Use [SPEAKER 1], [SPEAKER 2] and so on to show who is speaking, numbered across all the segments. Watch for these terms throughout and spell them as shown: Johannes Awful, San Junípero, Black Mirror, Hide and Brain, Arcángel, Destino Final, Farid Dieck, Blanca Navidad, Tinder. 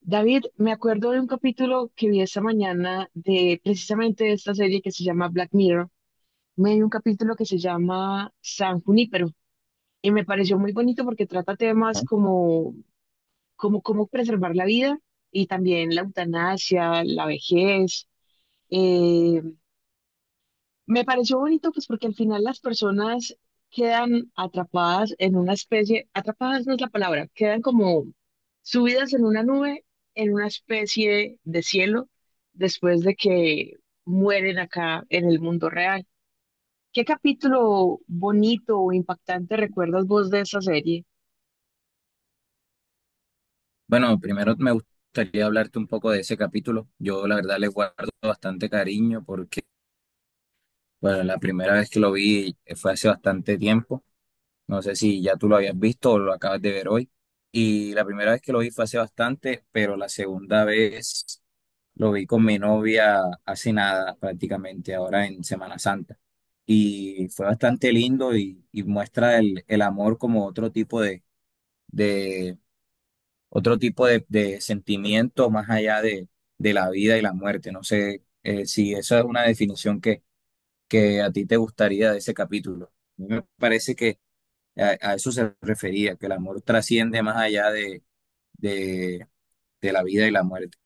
[SPEAKER 1] David, me acuerdo de un capítulo que vi esta mañana de precisamente de esta serie que se llama Black Mirror. Me di un capítulo que se llama San Junípero y me pareció muy bonito porque trata temas
[SPEAKER 2] Ajá.
[SPEAKER 1] como, como cómo preservar la vida y también la eutanasia, la vejez. eh, Me pareció bonito, pues porque al final las personas quedan atrapadas en una especie, atrapadas no es la palabra, quedan como subidas en una nube, en una especie de cielo, después de que mueren acá en el mundo real. ¿Qué capítulo bonito o impactante recuerdas vos de esa serie?
[SPEAKER 2] Bueno, primero me gustaría hablarte un poco de ese capítulo. Yo la verdad le guardo bastante cariño porque bueno, la primera vez que lo vi fue hace bastante tiempo. No sé si ya tú lo habías visto o lo acabas de ver hoy. Y la primera vez que lo vi fue hace bastante, pero la segunda vez lo vi con mi novia hace nada, prácticamente ahora en Semana Santa. Y fue bastante lindo y muestra el amor como otro tipo de sentimiento más allá de la vida y la muerte. No sé si esa es una definición que a ti te gustaría de ese capítulo. A mí me parece que a eso se refería, que el amor trasciende más allá de, de la vida y la muerte.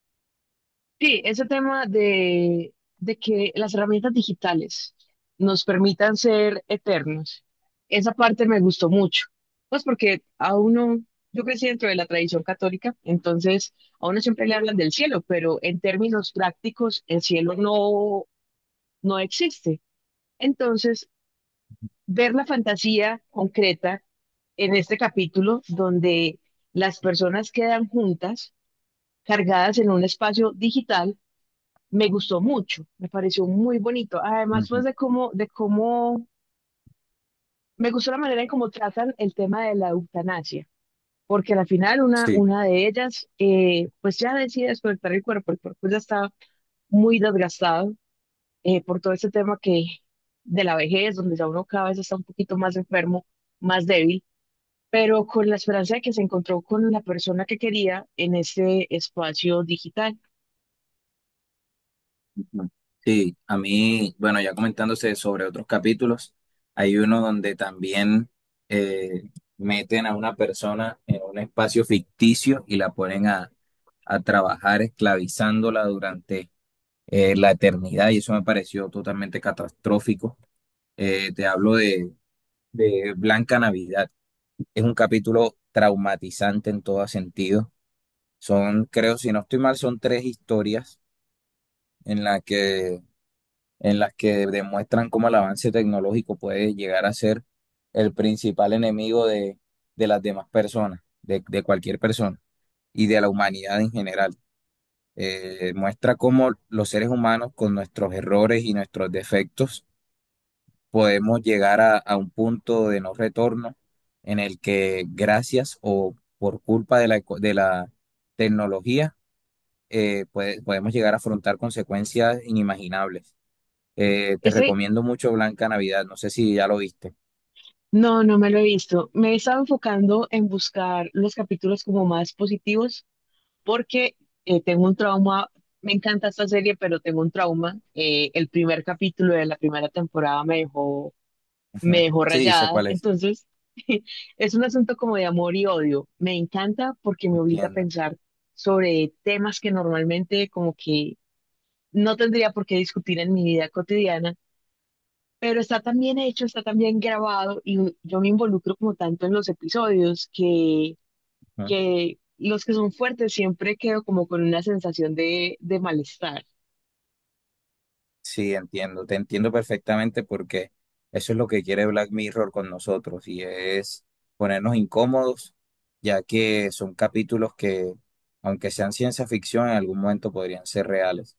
[SPEAKER 1] Sí, ese tema de que las herramientas digitales nos permitan ser eternos, esa parte me gustó mucho. Pues porque a uno, yo crecí dentro de la tradición católica, entonces a uno siempre le hablan del cielo, pero en términos prácticos el cielo no, no existe. Entonces, ver la fantasía concreta en este capítulo donde las personas quedan juntas, cargadas en un espacio digital me gustó mucho, me pareció muy bonito. Además, pues
[SPEAKER 2] Ujú.
[SPEAKER 1] de cómo, me gustó la manera en cómo tratan el tema de la eutanasia, porque al final
[SPEAKER 2] Sí.
[SPEAKER 1] una de ellas, pues ya decide desconectar el cuerpo ya está muy desgastado por todo este tema que de la vejez, donde ya uno cada vez está un poquito más enfermo, más débil, pero con la esperanza de que se encontró con la persona que quería en este espacio digital.
[SPEAKER 2] Ujú. Sí, a mí, bueno, ya comentándose sobre otros capítulos, hay uno donde también eh, meten a una persona en un espacio ficticio y la ponen a trabajar esclavizándola durante la eternidad y eso me pareció totalmente catastrófico. Te hablo de Blanca Navidad. Es un capítulo traumatizante en todo sentido. Son, creo, si no estoy mal, son tres historias en las que en las que demuestran cómo el avance tecnológico puede llegar a ser el principal enemigo de las demás personas, de cualquier persona y de la humanidad en general. Muestra cómo los seres humanos con nuestros errores y nuestros defectos podemos llegar a un punto de no retorno en el que gracias o por culpa de la, de la tecnología podemos llegar a afrontar consecuencias inimaginables. Te
[SPEAKER 1] Este
[SPEAKER 2] recomiendo mucho Blanca Navidad. No sé si ya lo viste.
[SPEAKER 1] No, no me lo he visto. Me he estado enfocando en buscar los capítulos como más positivos porque tengo un trauma. Me encanta esta serie, pero tengo un trauma. El primer capítulo de la primera temporada me
[SPEAKER 2] Ujú.
[SPEAKER 1] dejó
[SPEAKER 2] Sí, sé
[SPEAKER 1] rayada.
[SPEAKER 2] cuál es.
[SPEAKER 1] Entonces, es un asunto como de amor y odio. Me encanta porque me obliga a
[SPEAKER 2] Entiendo.
[SPEAKER 1] pensar sobre temas que normalmente como que no tendría por qué discutir en mi vida cotidiana, pero está tan bien hecho, está tan bien grabado y yo me involucro como tanto en los episodios
[SPEAKER 2] Ujú.
[SPEAKER 1] que los que son fuertes siempre quedo como con una sensación de malestar.
[SPEAKER 2] Sí, entiendo. Te entiendo perfectamente porque eso es lo que quiere Black Mirror con nosotros y es ponernos incómodos, ya que son capítulos que, aunque sean ciencia ficción, en algún momento podrían ser reales.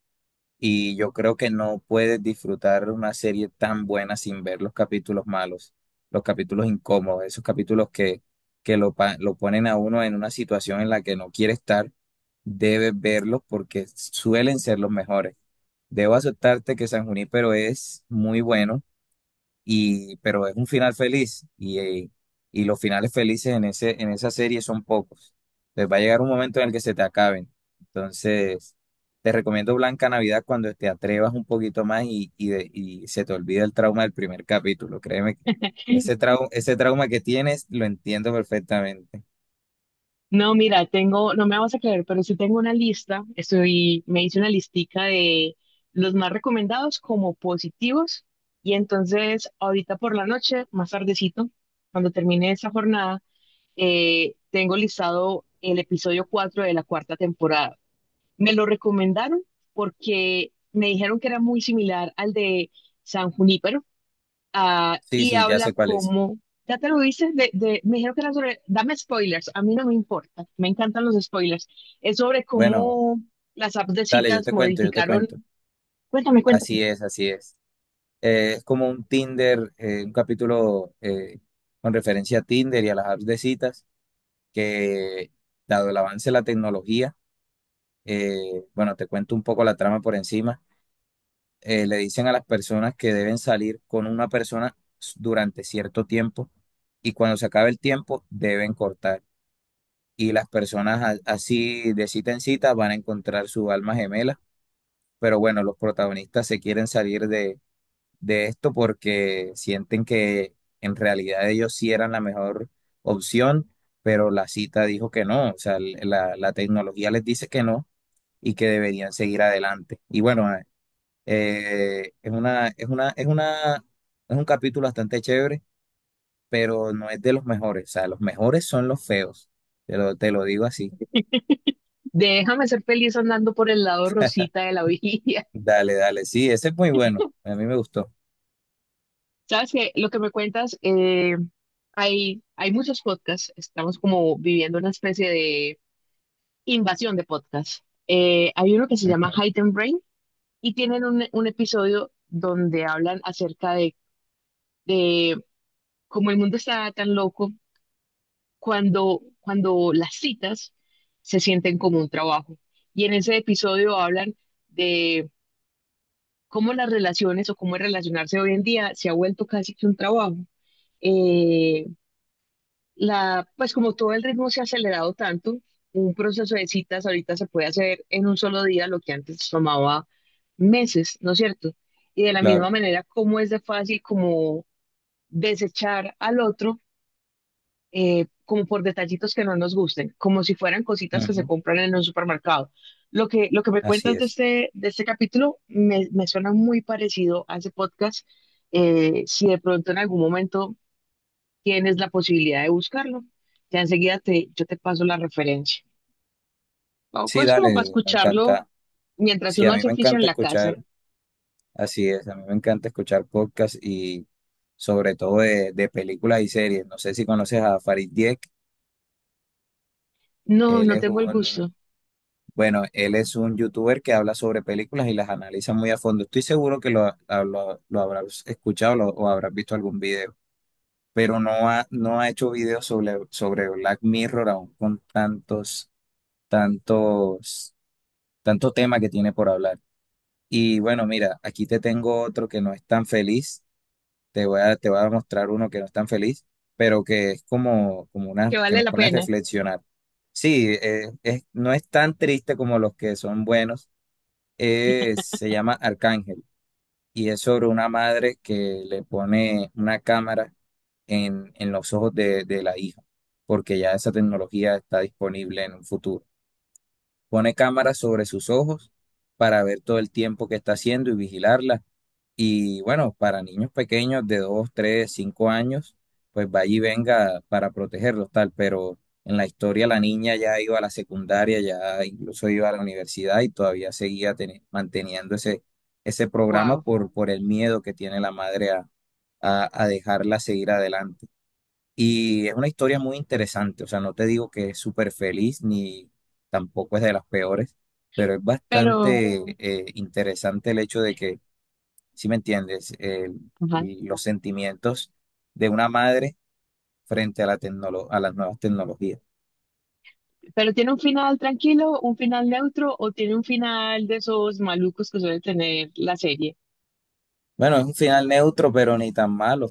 [SPEAKER 2] Y yo creo que no puedes disfrutar una serie tan buena sin ver los capítulos malos, los capítulos incómodos, esos capítulos que, lo ponen a uno en una situación en la que no quiere estar, debes verlos porque suelen ser los mejores. Debo aceptarte que San Junípero es muy bueno y, pero es un final feliz y los finales felices en ese, en esa serie son pocos. Entonces va a llegar un momento en el que se te acaben. Entonces, te recomiendo Blanca Navidad cuando te atrevas un poquito más y y se te olvida el trauma del primer capítulo. Créeme, que ese ese trauma que tienes lo entiendo perfectamente.
[SPEAKER 1] No, mira, tengo, no me vas a creer, pero sí tengo una lista, estoy, me hice una listica de los más recomendados como positivos y entonces ahorita por la noche, más tardecito, cuando termine esta jornada, tengo listado el episodio 4 de la cuarta temporada. Me lo recomendaron porque me dijeron que era muy similar al de San Junípero, ah,
[SPEAKER 2] Sí,
[SPEAKER 1] y
[SPEAKER 2] sí, ya
[SPEAKER 1] habla
[SPEAKER 2] sé cuál es.
[SPEAKER 1] como, ya te lo dices, me dijeron que era sobre, dame spoilers, a mí no me importa, me encantan los spoilers. Es sobre
[SPEAKER 2] Bueno,
[SPEAKER 1] cómo las apps de
[SPEAKER 2] dale, yo
[SPEAKER 1] citas
[SPEAKER 2] te cuento, yo te
[SPEAKER 1] modificaron,
[SPEAKER 2] cuento.
[SPEAKER 1] cuéntame, cuéntame,
[SPEAKER 2] Así es, así es. Es como un Tinder, un capítulo con referencia a Tinder y a las apps de citas, que dado el avance de la tecnología, eh, bueno, te cuento un poco la trama por encima, le dicen a las personas que deben salir con una persona durante cierto tiempo y cuando se acabe el tiempo deben cortar. Y las personas así de cita en cita van a encontrar su alma gemela, pero bueno, los protagonistas se quieren salir de esto porque sienten que en realidad ellos sí eran la mejor opción, pero la cita dijo que no, o sea, la tecnología les dice que no y que deberían seguir adelante. Y bueno, ah, eh, es una, es una, es una, es un capítulo bastante chévere, pero no es de los mejores, o sea, los mejores son los feos, te lo digo así.
[SPEAKER 1] déjame ser feliz andando por el lado rosita de la orilla.
[SPEAKER 2] Dale, dale, sí, ese es muy bueno, a mí me gustó.
[SPEAKER 1] Sabes que lo que me cuentas, hay, hay muchos podcasts, estamos como viviendo una especie de invasión de podcast. Hay uno que se llama
[SPEAKER 2] Ujú,
[SPEAKER 1] Hide and Brain y tienen un episodio donde hablan acerca de cómo el mundo está tan loco cuando, cuando las citas se sienten como un trabajo. Y en ese episodio hablan de cómo las relaciones o cómo relacionarse hoy en día se ha vuelto casi que un trabajo. Eh, La, pues como todo el ritmo se ha acelerado tanto, un proceso de citas ahorita se puede hacer en un solo día lo que antes tomaba meses, ¿no es cierto? Y de la
[SPEAKER 2] claro,
[SPEAKER 1] misma manera, cómo es de fácil como desechar al otro como por detallitos que no nos gusten, como si fueran cositas que se
[SPEAKER 2] ujú,
[SPEAKER 1] compran en un supermercado. Lo que me
[SPEAKER 2] así
[SPEAKER 1] cuentas de
[SPEAKER 2] es.
[SPEAKER 1] este, de este capítulo me, me suena muy parecido a ese podcast. Si de pronto en algún momento tienes la posibilidad de buscarlo. Ya enseguida te, yo te paso la referencia. Tampoco
[SPEAKER 2] Sí,
[SPEAKER 1] es
[SPEAKER 2] dale,
[SPEAKER 1] como para
[SPEAKER 2] me
[SPEAKER 1] escucharlo
[SPEAKER 2] encanta.
[SPEAKER 1] mientras
[SPEAKER 2] Sí,
[SPEAKER 1] uno
[SPEAKER 2] a mí
[SPEAKER 1] hace
[SPEAKER 2] me
[SPEAKER 1] oficio en
[SPEAKER 2] encanta
[SPEAKER 1] la casa.
[SPEAKER 2] escuchar, así es, a mí me encanta escuchar podcasts y sobre todo de películas y series. No sé si conoces a Farid Dieck,
[SPEAKER 1] No,
[SPEAKER 2] él
[SPEAKER 1] no
[SPEAKER 2] es
[SPEAKER 1] tengo el
[SPEAKER 2] un,
[SPEAKER 1] gusto,
[SPEAKER 2] bueno, él es un youtuber que habla sobre películas y las analiza muy a fondo. Estoy seguro que lo, lo habrás escuchado o habrás visto algún video, pero no ha hecho videos sobre, sobre Black Mirror aún con tantos, tantos, tanto tema que tiene por hablar. Y bueno, mira, aquí te tengo otro que no es tan feliz, te voy a mostrar uno que no es tan feliz, pero que es como, como una,
[SPEAKER 1] que
[SPEAKER 2] que
[SPEAKER 1] vale
[SPEAKER 2] nos
[SPEAKER 1] la
[SPEAKER 2] pone a
[SPEAKER 1] pena.
[SPEAKER 2] reflexionar. Sí, es, no es tan triste como los que son buenos. Se llama Arcángel y es sobre una madre que le pone una cámara en los ojos de la hija, porque ya esa tecnología está disponible en un futuro. Pone cámaras sobre sus ojos para ver todo el tiempo que está haciendo y vigilarla y bueno, para niños pequeños de 2 3 5 años, pues vaya y venga para protegerlos, tal. Pero en la historia la niña ya iba a la secundaria, ya incluso iba a la universidad y todavía seguía manteniendo ese, ese programa
[SPEAKER 1] Wow.
[SPEAKER 2] por el miedo que tiene la madre a dejarla seguir adelante. Y es una historia muy interesante, o sea, no te digo que es súper feliz ni tampoco es de las peores, pero es
[SPEAKER 1] Pero,
[SPEAKER 2] bastante interesante el hecho de que, ¿si me entiendes?
[SPEAKER 1] ajá.
[SPEAKER 2] Y los sentimientos de una madre frente a la a las nuevas tecnologías.
[SPEAKER 1] Pero tiene un final tranquilo, un final neutro, o tiene un final de esos malucos que suele tener la serie.
[SPEAKER 2] Bueno, es un final neutro, pero ni tan malo.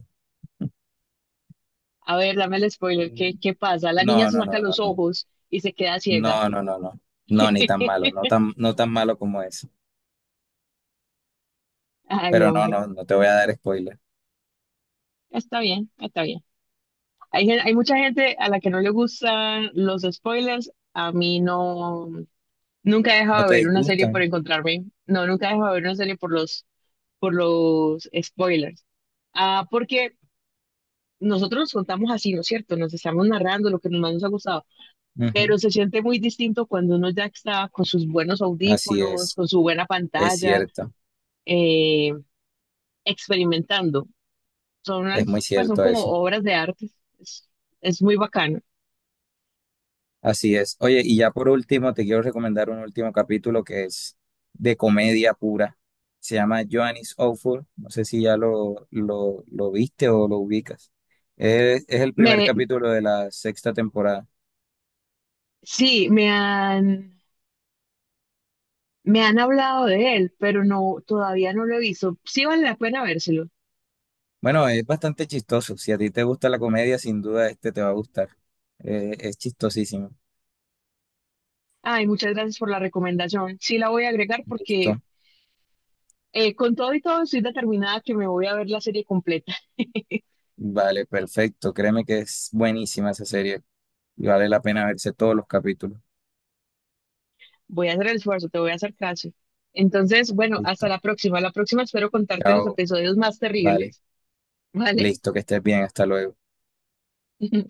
[SPEAKER 1] A ver, dame el spoiler, ¿qué, qué pasa? La niña
[SPEAKER 2] No,
[SPEAKER 1] se
[SPEAKER 2] no,
[SPEAKER 1] saca
[SPEAKER 2] no, no,
[SPEAKER 1] los
[SPEAKER 2] no.
[SPEAKER 1] ojos y se queda ciega.
[SPEAKER 2] No, no, no, no. No, ni tan malo, no tan, no tan malo como eso.
[SPEAKER 1] Ay,
[SPEAKER 2] Pero no,
[SPEAKER 1] hombre,
[SPEAKER 2] no, no te voy a dar spoiler.
[SPEAKER 1] está bien, está bien. Hay, hay mucha gente a la que no le gustan los spoilers. A mí no, nunca he
[SPEAKER 2] No
[SPEAKER 1] dejado
[SPEAKER 2] te
[SPEAKER 1] de ver una serie
[SPEAKER 2] disgustan.
[SPEAKER 1] por encontrarme. No, nunca he dejado de ver una serie por los spoilers. Ah, porque nosotros nos contamos así, ¿no es cierto? Nos estamos narrando lo que más nos ha gustado.
[SPEAKER 2] Ujú.
[SPEAKER 1] Pero se siente muy distinto cuando uno ya está con sus buenos
[SPEAKER 2] Así
[SPEAKER 1] audífonos, con su buena
[SPEAKER 2] es
[SPEAKER 1] pantalla,
[SPEAKER 2] cierto,
[SPEAKER 1] eh, experimentando. Son,
[SPEAKER 2] es
[SPEAKER 1] al-
[SPEAKER 2] muy
[SPEAKER 1] pues, son
[SPEAKER 2] cierto
[SPEAKER 1] como
[SPEAKER 2] eso.
[SPEAKER 1] obras de arte. Es, es muy bacano.
[SPEAKER 2] Así es. Oye, y ya por último, te quiero recomendar un último capítulo que es de comedia pura. Se llama Johannes Awful. No sé si ya lo viste o lo ubicas. Es el primer
[SPEAKER 1] Me
[SPEAKER 2] capítulo de la sexta temporada.
[SPEAKER 1] Sí, me han hablado de él, pero no, todavía no lo he visto. Sí vale la pena vérselo.
[SPEAKER 2] Bueno, es bastante chistoso. Si a ti te gusta la comedia, sin duda este te va a gustar. Es chistosísimo.
[SPEAKER 1] Ay, muchas gracias por la recomendación. Sí la voy a agregar porque
[SPEAKER 2] Listo.
[SPEAKER 1] con todo y todo estoy determinada que me voy a ver la serie completa.
[SPEAKER 2] Vale, perfecto. Créeme que es buenísima esa serie y vale la pena verse todos los capítulos.
[SPEAKER 1] Voy a hacer el esfuerzo, te voy a hacer caso. Entonces, bueno, hasta
[SPEAKER 2] Listo.
[SPEAKER 1] la próxima. La próxima espero contarte los
[SPEAKER 2] Chao.
[SPEAKER 1] episodios más
[SPEAKER 2] Vale.
[SPEAKER 1] terribles, ¿vale?
[SPEAKER 2] Listo, que estés bien. Hasta luego.